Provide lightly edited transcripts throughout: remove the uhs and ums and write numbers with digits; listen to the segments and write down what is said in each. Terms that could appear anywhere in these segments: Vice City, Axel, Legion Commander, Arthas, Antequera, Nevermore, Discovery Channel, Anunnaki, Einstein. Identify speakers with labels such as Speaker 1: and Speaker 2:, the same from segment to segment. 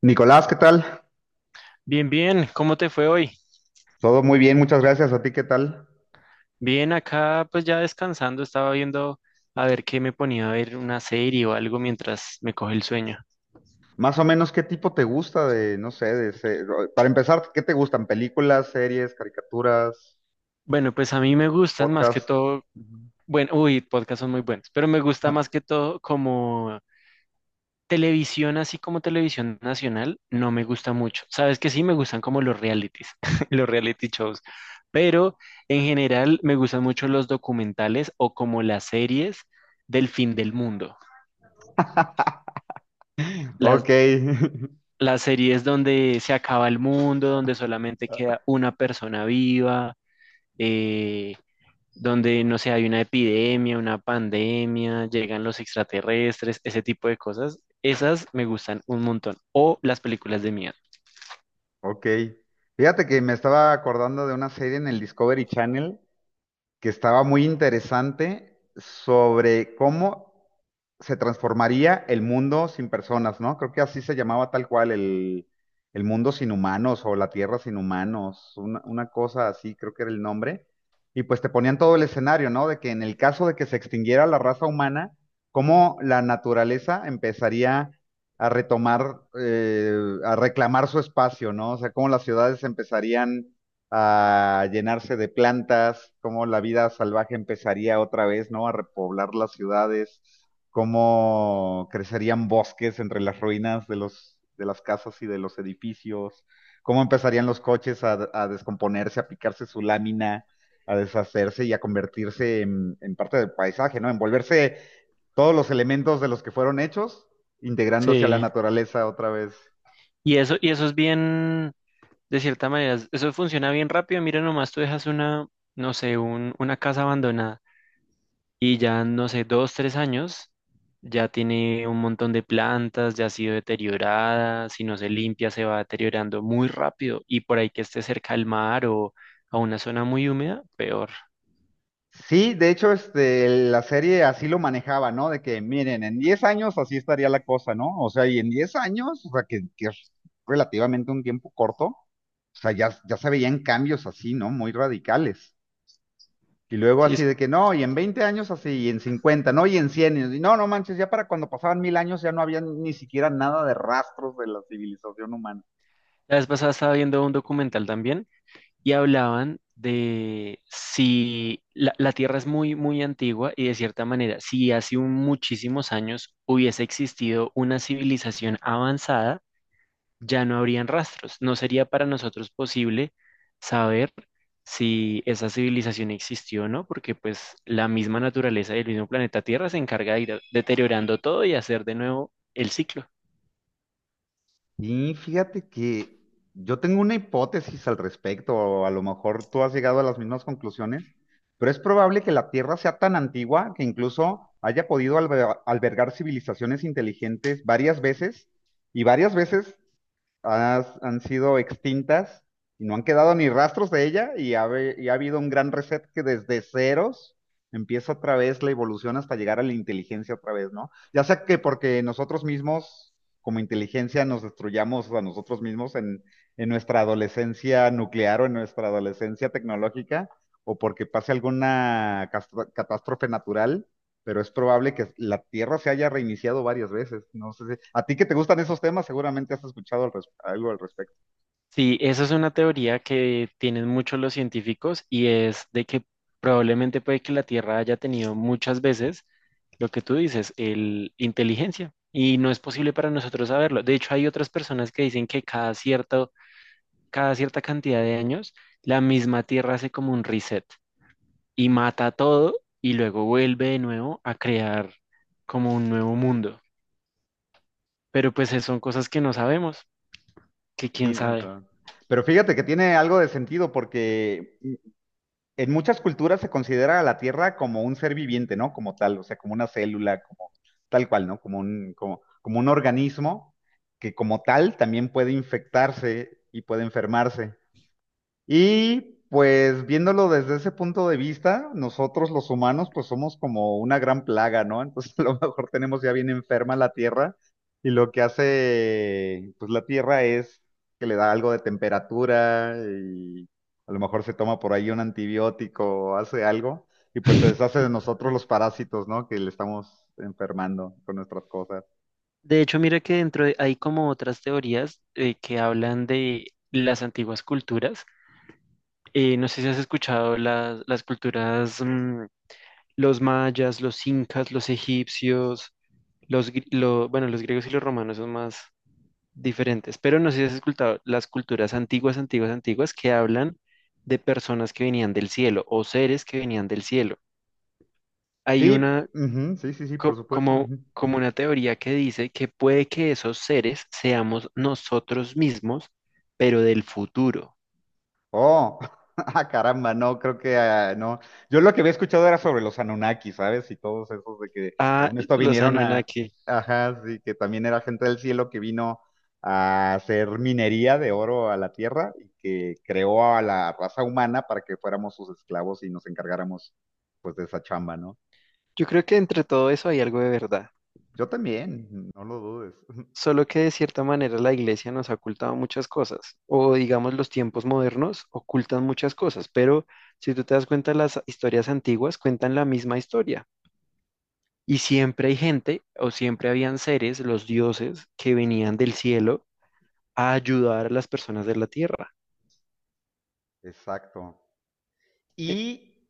Speaker 1: Nicolás, ¿qué tal?
Speaker 2: Bien, bien, ¿cómo te fue hoy?
Speaker 1: Todo muy bien, muchas gracias. ¿A ti qué tal?
Speaker 2: Bien, acá pues ya descansando, estaba viendo a ver qué me ponía, a ver una serie o algo mientras me coge el sueño.
Speaker 1: Más o menos, ¿qué tipo te gusta de, no sé, para empezar, ¿qué te gustan? ¿Películas, series, caricaturas,
Speaker 2: Bueno, pues a mí me gustan más que
Speaker 1: podcast?
Speaker 2: todo,
Speaker 1: Ujú.
Speaker 2: bueno, podcasts son muy buenos, pero me gusta más que todo como televisión. Así como televisión nacional, no me gusta mucho. Sabes que sí, me gustan como los realities, los reality shows, pero en general me gustan mucho los documentales o como las series del fin del mundo. Las,
Speaker 1: Ok.
Speaker 2: las series donde se acaba el mundo, donde solamente queda una persona viva, eh, donde, no sé, hay una epidemia, una pandemia, llegan los extraterrestres, ese tipo de cosas, esas me gustan un montón. O las películas de miedo.
Speaker 1: Ok. Fíjate que me estaba acordando de una serie en el Discovery Channel que estaba muy interesante sobre cómo se transformaría el mundo sin personas, ¿no? Creo que así se llamaba tal cual el mundo sin humanos o la tierra sin humanos, una cosa así, creo que era el nombre. Y pues te ponían todo el escenario, ¿no? De que en el caso de que se extinguiera la raza humana, cómo la naturaleza empezaría a retomar, a reclamar su espacio, ¿no? O sea, cómo las ciudades empezarían a llenarse de plantas, cómo la vida salvaje empezaría otra vez, ¿no? A repoblar las ciudades, cómo crecerían bosques entre las ruinas de de las casas y de los edificios, cómo empezarían los coches a descomponerse, a picarse su lámina, a deshacerse y a convertirse en parte del paisaje, ¿no? Envolverse todos los elementos de los que fueron hechos, integrándose a la
Speaker 2: Sí.
Speaker 1: naturaleza otra vez.
Speaker 2: Y eso es bien, de cierta manera, eso funciona bien rápido. Mira, nomás tú dejas una, no sé, una casa abandonada y ya, no sé, dos, tres años, ya tiene un montón de plantas, ya ha sido deteriorada, si no se limpia se va deteriorando muy rápido, y por ahí que esté cerca al mar o a una zona muy húmeda, peor.
Speaker 1: Sí, de hecho, este, la serie así lo manejaba, ¿no? De que, miren, en 10 años así estaría la cosa, ¿no? O sea, y en 10 años, o sea, que es relativamente un tiempo corto, o sea, ya, ya se veían cambios así, ¿no? Muy radicales. Y luego
Speaker 2: Sí,
Speaker 1: así de que, no, y en 20 años así, y en 50, ¿no? Y en 100 y no, no manches, ya para cuando pasaban 1000 años ya no había ni siquiera nada de rastros de la civilización humana.
Speaker 2: la vez pasada estaba viendo un documental también y hablaban de si la Tierra es muy, muy antigua, y de cierta manera, si hace muchísimos años hubiese existido una civilización avanzada, ya no habrían rastros. No sería para nosotros posible saber si esa civilización existió o no, porque pues la misma naturaleza del mismo planeta Tierra se encarga de ir deteriorando todo y hacer de nuevo el ciclo.
Speaker 1: Y fíjate que yo tengo una hipótesis al respecto, o a lo mejor tú has llegado a las mismas conclusiones, pero es probable que la Tierra sea tan antigua que incluso haya podido albergar civilizaciones inteligentes varias veces y varias veces han sido extintas y no han quedado ni rastros de ella y ha habido un gran reset que desde ceros empieza otra vez la evolución hasta llegar a la inteligencia otra vez, ¿no? Ya sea que porque nosotros mismos, como inteligencia, nos destruyamos a nosotros mismos en nuestra adolescencia nuclear o en nuestra adolescencia tecnológica, o porque pase alguna catástrofe natural, pero es probable que la Tierra se haya reiniciado varias veces. No sé, a ti que te gustan esos temas, seguramente has escuchado algo al respecto.
Speaker 2: Sí, esa es una teoría que tienen muchos los científicos, y es de que probablemente puede que la Tierra haya tenido muchas veces lo que tú dices, el inteligencia. Y no es posible para nosotros saberlo. De hecho, hay otras personas que dicen que cada cierta cantidad de años, la misma Tierra hace como un reset y mata todo, y luego vuelve de nuevo a crear como un nuevo mundo. Pero pues son cosas que no sabemos, que quién
Speaker 1: Sí, ah,
Speaker 2: sabe.
Speaker 1: claro. Pero fíjate que tiene algo de sentido porque, en muchas culturas se considera a la Tierra como un ser viviente, ¿no? Como tal, o sea, como una célula, como tal cual, ¿no? Como un, como, como un organismo que como tal también puede infectarse y puede enfermarse. Y pues viéndolo desde ese punto de vista, nosotros los humanos pues somos como una gran plaga, ¿no? Entonces a lo mejor tenemos ya bien enferma la Tierra y lo que hace pues la Tierra es que le da algo de temperatura y a lo mejor se toma por ahí un antibiótico o hace algo y pues se deshace de nosotros los parásitos, ¿no? Que le estamos enfermando con nuestras cosas.
Speaker 2: De hecho, mira que hay como otras teorías, que hablan de las antiguas culturas. No sé si has escuchado las culturas, los mayas, los incas, los egipcios, los, bueno, los griegos y los romanos son más diferentes, pero no sé si has escuchado las culturas antiguas, antiguas, antiguas, que hablan de personas que venían del cielo o seres que venían del cielo. Hay una
Speaker 1: Sí, ujú, sí, sí, sí, por supuesto.
Speaker 2: como como una teoría que dice que puede que esos seres seamos nosotros mismos, pero del futuro.
Speaker 1: Oh, ah, caramba, no, creo que no. Yo lo que había escuchado era sobre los Anunnaki, ¿sabes? Y todos esos de que,
Speaker 2: Ah,
Speaker 1: según esto,
Speaker 2: los
Speaker 1: vinieron a,
Speaker 2: Anunnaki.
Speaker 1: ajá, sí, que también era gente del cielo que vino a hacer minería de oro a la tierra y que creó a la raza humana para que fuéramos sus esclavos y nos encargáramos, pues, de esa chamba, ¿no?
Speaker 2: Yo creo que entre todo eso hay algo de verdad.
Speaker 1: Yo también, no lo dudes.
Speaker 2: Solo que de cierta manera la iglesia nos ha ocultado muchas cosas, o digamos los tiempos modernos ocultan muchas cosas, pero si tú te das cuenta, las historias antiguas cuentan la misma historia. Y siempre hay gente, o siempre habían seres, los dioses, que venían del cielo a ayudar a las personas de la tierra.
Speaker 1: Exacto.
Speaker 2: Eh,
Speaker 1: Y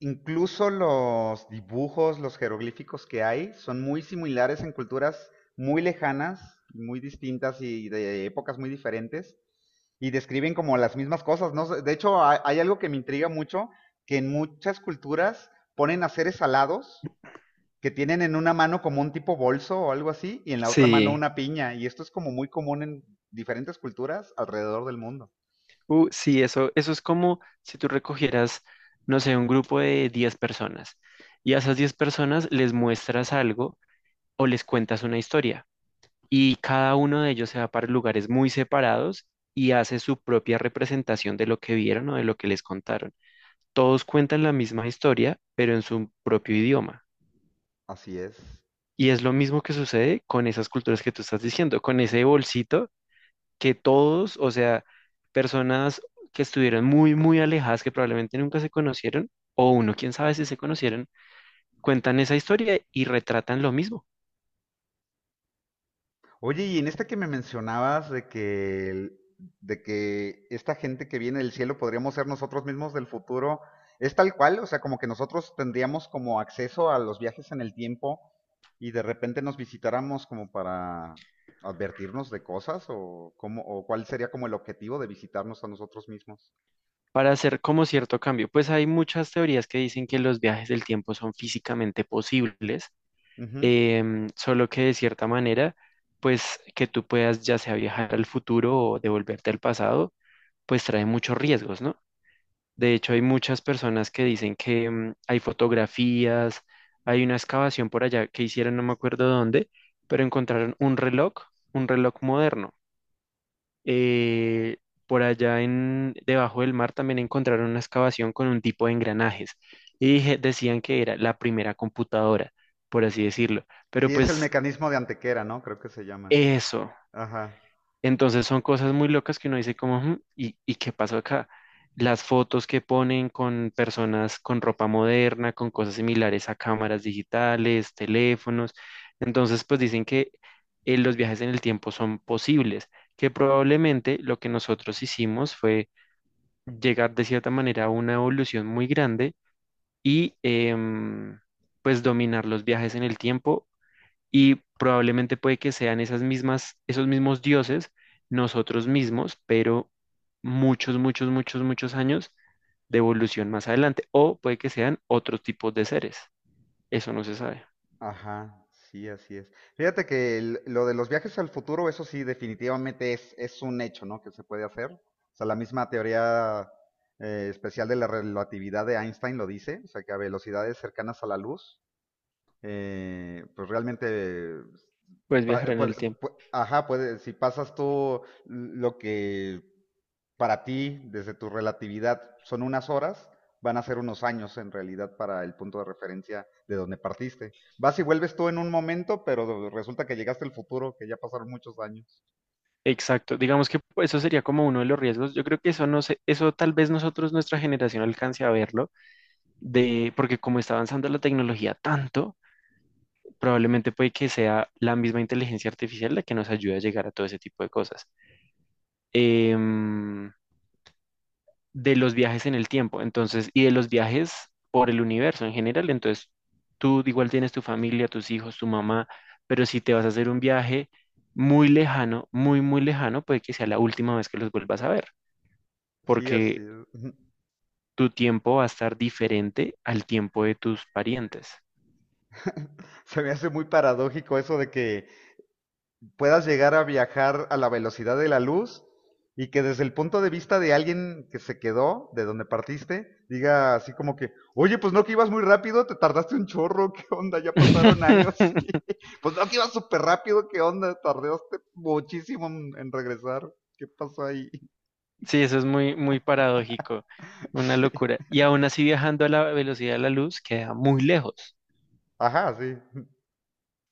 Speaker 1: incluso los dibujos, los jeroglíficos que hay, son muy similares en culturas muy lejanas, muy distintas y de épocas muy diferentes, y describen como las mismas cosas, ¿no? De hecho, hay algo que me intriga mucho, que en muchas culturas ponen a seres alados que tienen en una mano como un tipo bolso o algo así, y en la otra mano
Speaker 2: Sí,
Speaker 1: una piña, y esto es como muy común en diferentes culturas alrededor del mundo.
Speaker 2: sí, eso es como si tú recogieras, no sé, un grupo de 10 personas, y a esas 10 personas les muestras algo o les cuentas una historia, y cada uno de ellos se va para lugares muy separados y hace su propia representación de lo que vieron o de lo que les contaron. Todos cuentan la misma historia, pero en su propio idioma.
Speaker 1: Así es.
Speaker 2: Y es lo mismo que sucede con esas culturas que tú estás diciendo, con ese bolsito, que todos, o sea, personas que estuvieron muy, muy alejadas, que probablemente nunca se conocieron, o uno, quién sabe si se conocieron, cuentan esa historia y retratan lo mismo.
Speaker 1: Oye, y en esta que me mencionabas de que, de que esta gente que viene del cielo podríamos ser nosotros mismos del futuro, ¿es tal cual? O sea, como que nosotros tendríamos como acceso a los viajes en el tiempo y de repente nos visitáramos como para advertirnos de cosas o cómo, o cuál sería como el objetivo de visitarnos a nosotros mismos.
Speaker 2: Para hacer como cierto cambio. Pues hay muchas teorías que dicen que los viajes del tiempo son físicamente posibles.
Speaker 1: Ujú.
Speaker 2: Solo que de cierta manera, pues que tú puedas ya sea viajar al futuro o devolverte al pasado, pues trae muchos riesgos, ¿no? De hecho, hay muchas personas que dicen que, hay fotografías, hay una excavación por allá que hicieron, no me acuerdo dónde, pero encontraron un reloj moderno, eh, por allá en, debajo del mar también encontraron una excavación con un tipo de engranajes, y decían que era la primera computadora, por así decirlo. Pero
Speaker 1: Sí, es el
Speaker 2: pues
Speaker 1: mecanismo de Antequera, ¿no? Creo que se llama.
Speaker 2: eso,
Speaker 1: Ajá.
Speaker 2: entonces son cosas muy locas que uno dice como, "Ujú, y qué pasó acá? Las fotos que ponen con personas con ropa moderna, con cosas similares a cámaras digitales, teléfonos. Entonces pues dicen que, los viajes en el tiempo son posibles, que probablemente lo que nosotros hicimos fue llegar de cierta manera a una evolución muy grande, y pues dominar los viajes en el tiempo, y probablemente puede que sean esas mismas, esos mismos dioses, nosotros mismos, pero muchos, muchos, muchos, muchos años de evolución más adelante, o puede que sean otros tipos de seres, eso no se sabe.
Speaker 1: Ajá, sí, así es. Fíjate que lo de los viajes al futuro, eso sí, definitivamente es un hecho, ¿no? Que se puede hacer. O sea, la misma teoría, especial de la relatividad de Einstein lo dice, o sea, que a velocidades cercanas a la luz, pues realmente,
Speaker 2: Puedes viajar
Speaker 1: pa-
Speaker 2: en
Speaker 1: puede-
Speaker 2: el tiempo.
Speaker 1: ajá, puede, si pasas tú lo que para ti, desde tu relatividad, son unas horas, van a ser unos años en realidad para el punto de referencia de donde partiste. Vas y vuelves tú en un momento, pero resulta que llegaste al futuro, que ya pasaron muchos años.
Speaker 2: Exacto, digamos que pues, eso sería como uno de los riesgos. Yo creo que eso, no sé, eso tal vez nosotros, nuestra generación alcance a verlo, de, porque como está avanzando la tecnología tanto, probablemente puede que sea la misma inteligencia artificial la que nos ayude a llegar a todo ese tipo de cosas. Em, de los viajes en el tiempo, entonces, y de los viajes por el universo en general, entonces, tú igual tienes tu familia, tus hijos, tu mamá, pero si te vas a hacer un viaje muy lejano, muy, muy lejano, puede que sea la última vez que los vuelvas a ver,
Speaker 1: Sí, así
Speaker 2: porque
Speaker 1: es.
Speaker 2: tu tiempo va a estar diferente al tiempo de tus parientes.
Speaker 1: Se me hace muy paradójico eso de que puedas llegar a viajar a la velocidad de la luz y que desde el punto de vista de alguien que se quedó, de donde partiste, diga así como que, oye, pues no que ibas muy rápido, te tardaste un chorro, ¿qué onda? Ya pasaron años. Pues no que ibas súper rápido, ¿qué onda? Tardaste muchísimo en regresar. ¿Qué pasó ahí?
Speaker 2: Sí, eso es muy, muy paradójico, una
Speaker 1: Sí.
Speaker 2: locura. Y aún así, viajando a la velocidad de la luz, queda muy lejos.
Speaker 1: Ajá, sí.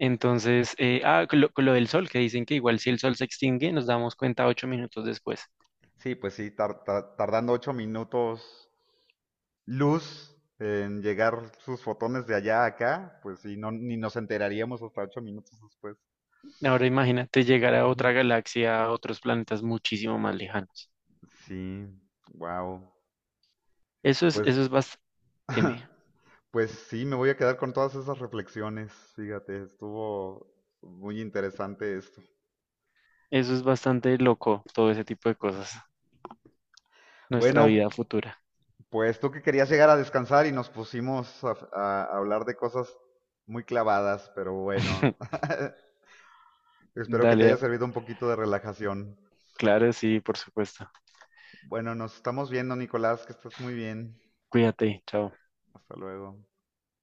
Speaker 2: Entonces, con lo del sol, que dicen que igual si el sol se extingue, nos damos cuenta 8 minutos después.
Speaker 1: Sí, pues sí, tardando 8 minutos luz en llegar sus fotones de allá a acá, pues sí, no, ni nos enteraríamos hasta 8 minutos después.
Speaker 2: Ahora imagínate llegar a
Speaker 1: Ujú.
Speaker 2: otra galaxia, a otros planetas muchísimo más lejanos.
Speaker 1: Sí, wow.
Speaker 2: Eso es,
Speaker 1: Pues,
Speaker 2: eso es bastante,
Speaker 1: pues sí, me voy a quedar con todas esas reflexiones. Fíjate, estuvo muy interesante esto.
Speaker 2: eso es bastante loco, todo ese tipo de cosas. Nuestra
Speaker 1: Bueno,
Speaker 2: vida futura.
Speaker 1: pues tú que querías llegar a descansar y nos pusimos a hablar de cosas muy clavadas, pero bueno. Espero que te haya
Speaker 2: Dale,
Speaker 1: servido un poquito de relajación.
Speaker 2: claro, sí, por supuesto.
Speaker 1: Bueno, nos estamos viendo, Nicolás, que estás muy bien.
Speaker 2: Cuídate, chao.
Speaker 1: Hasta luego.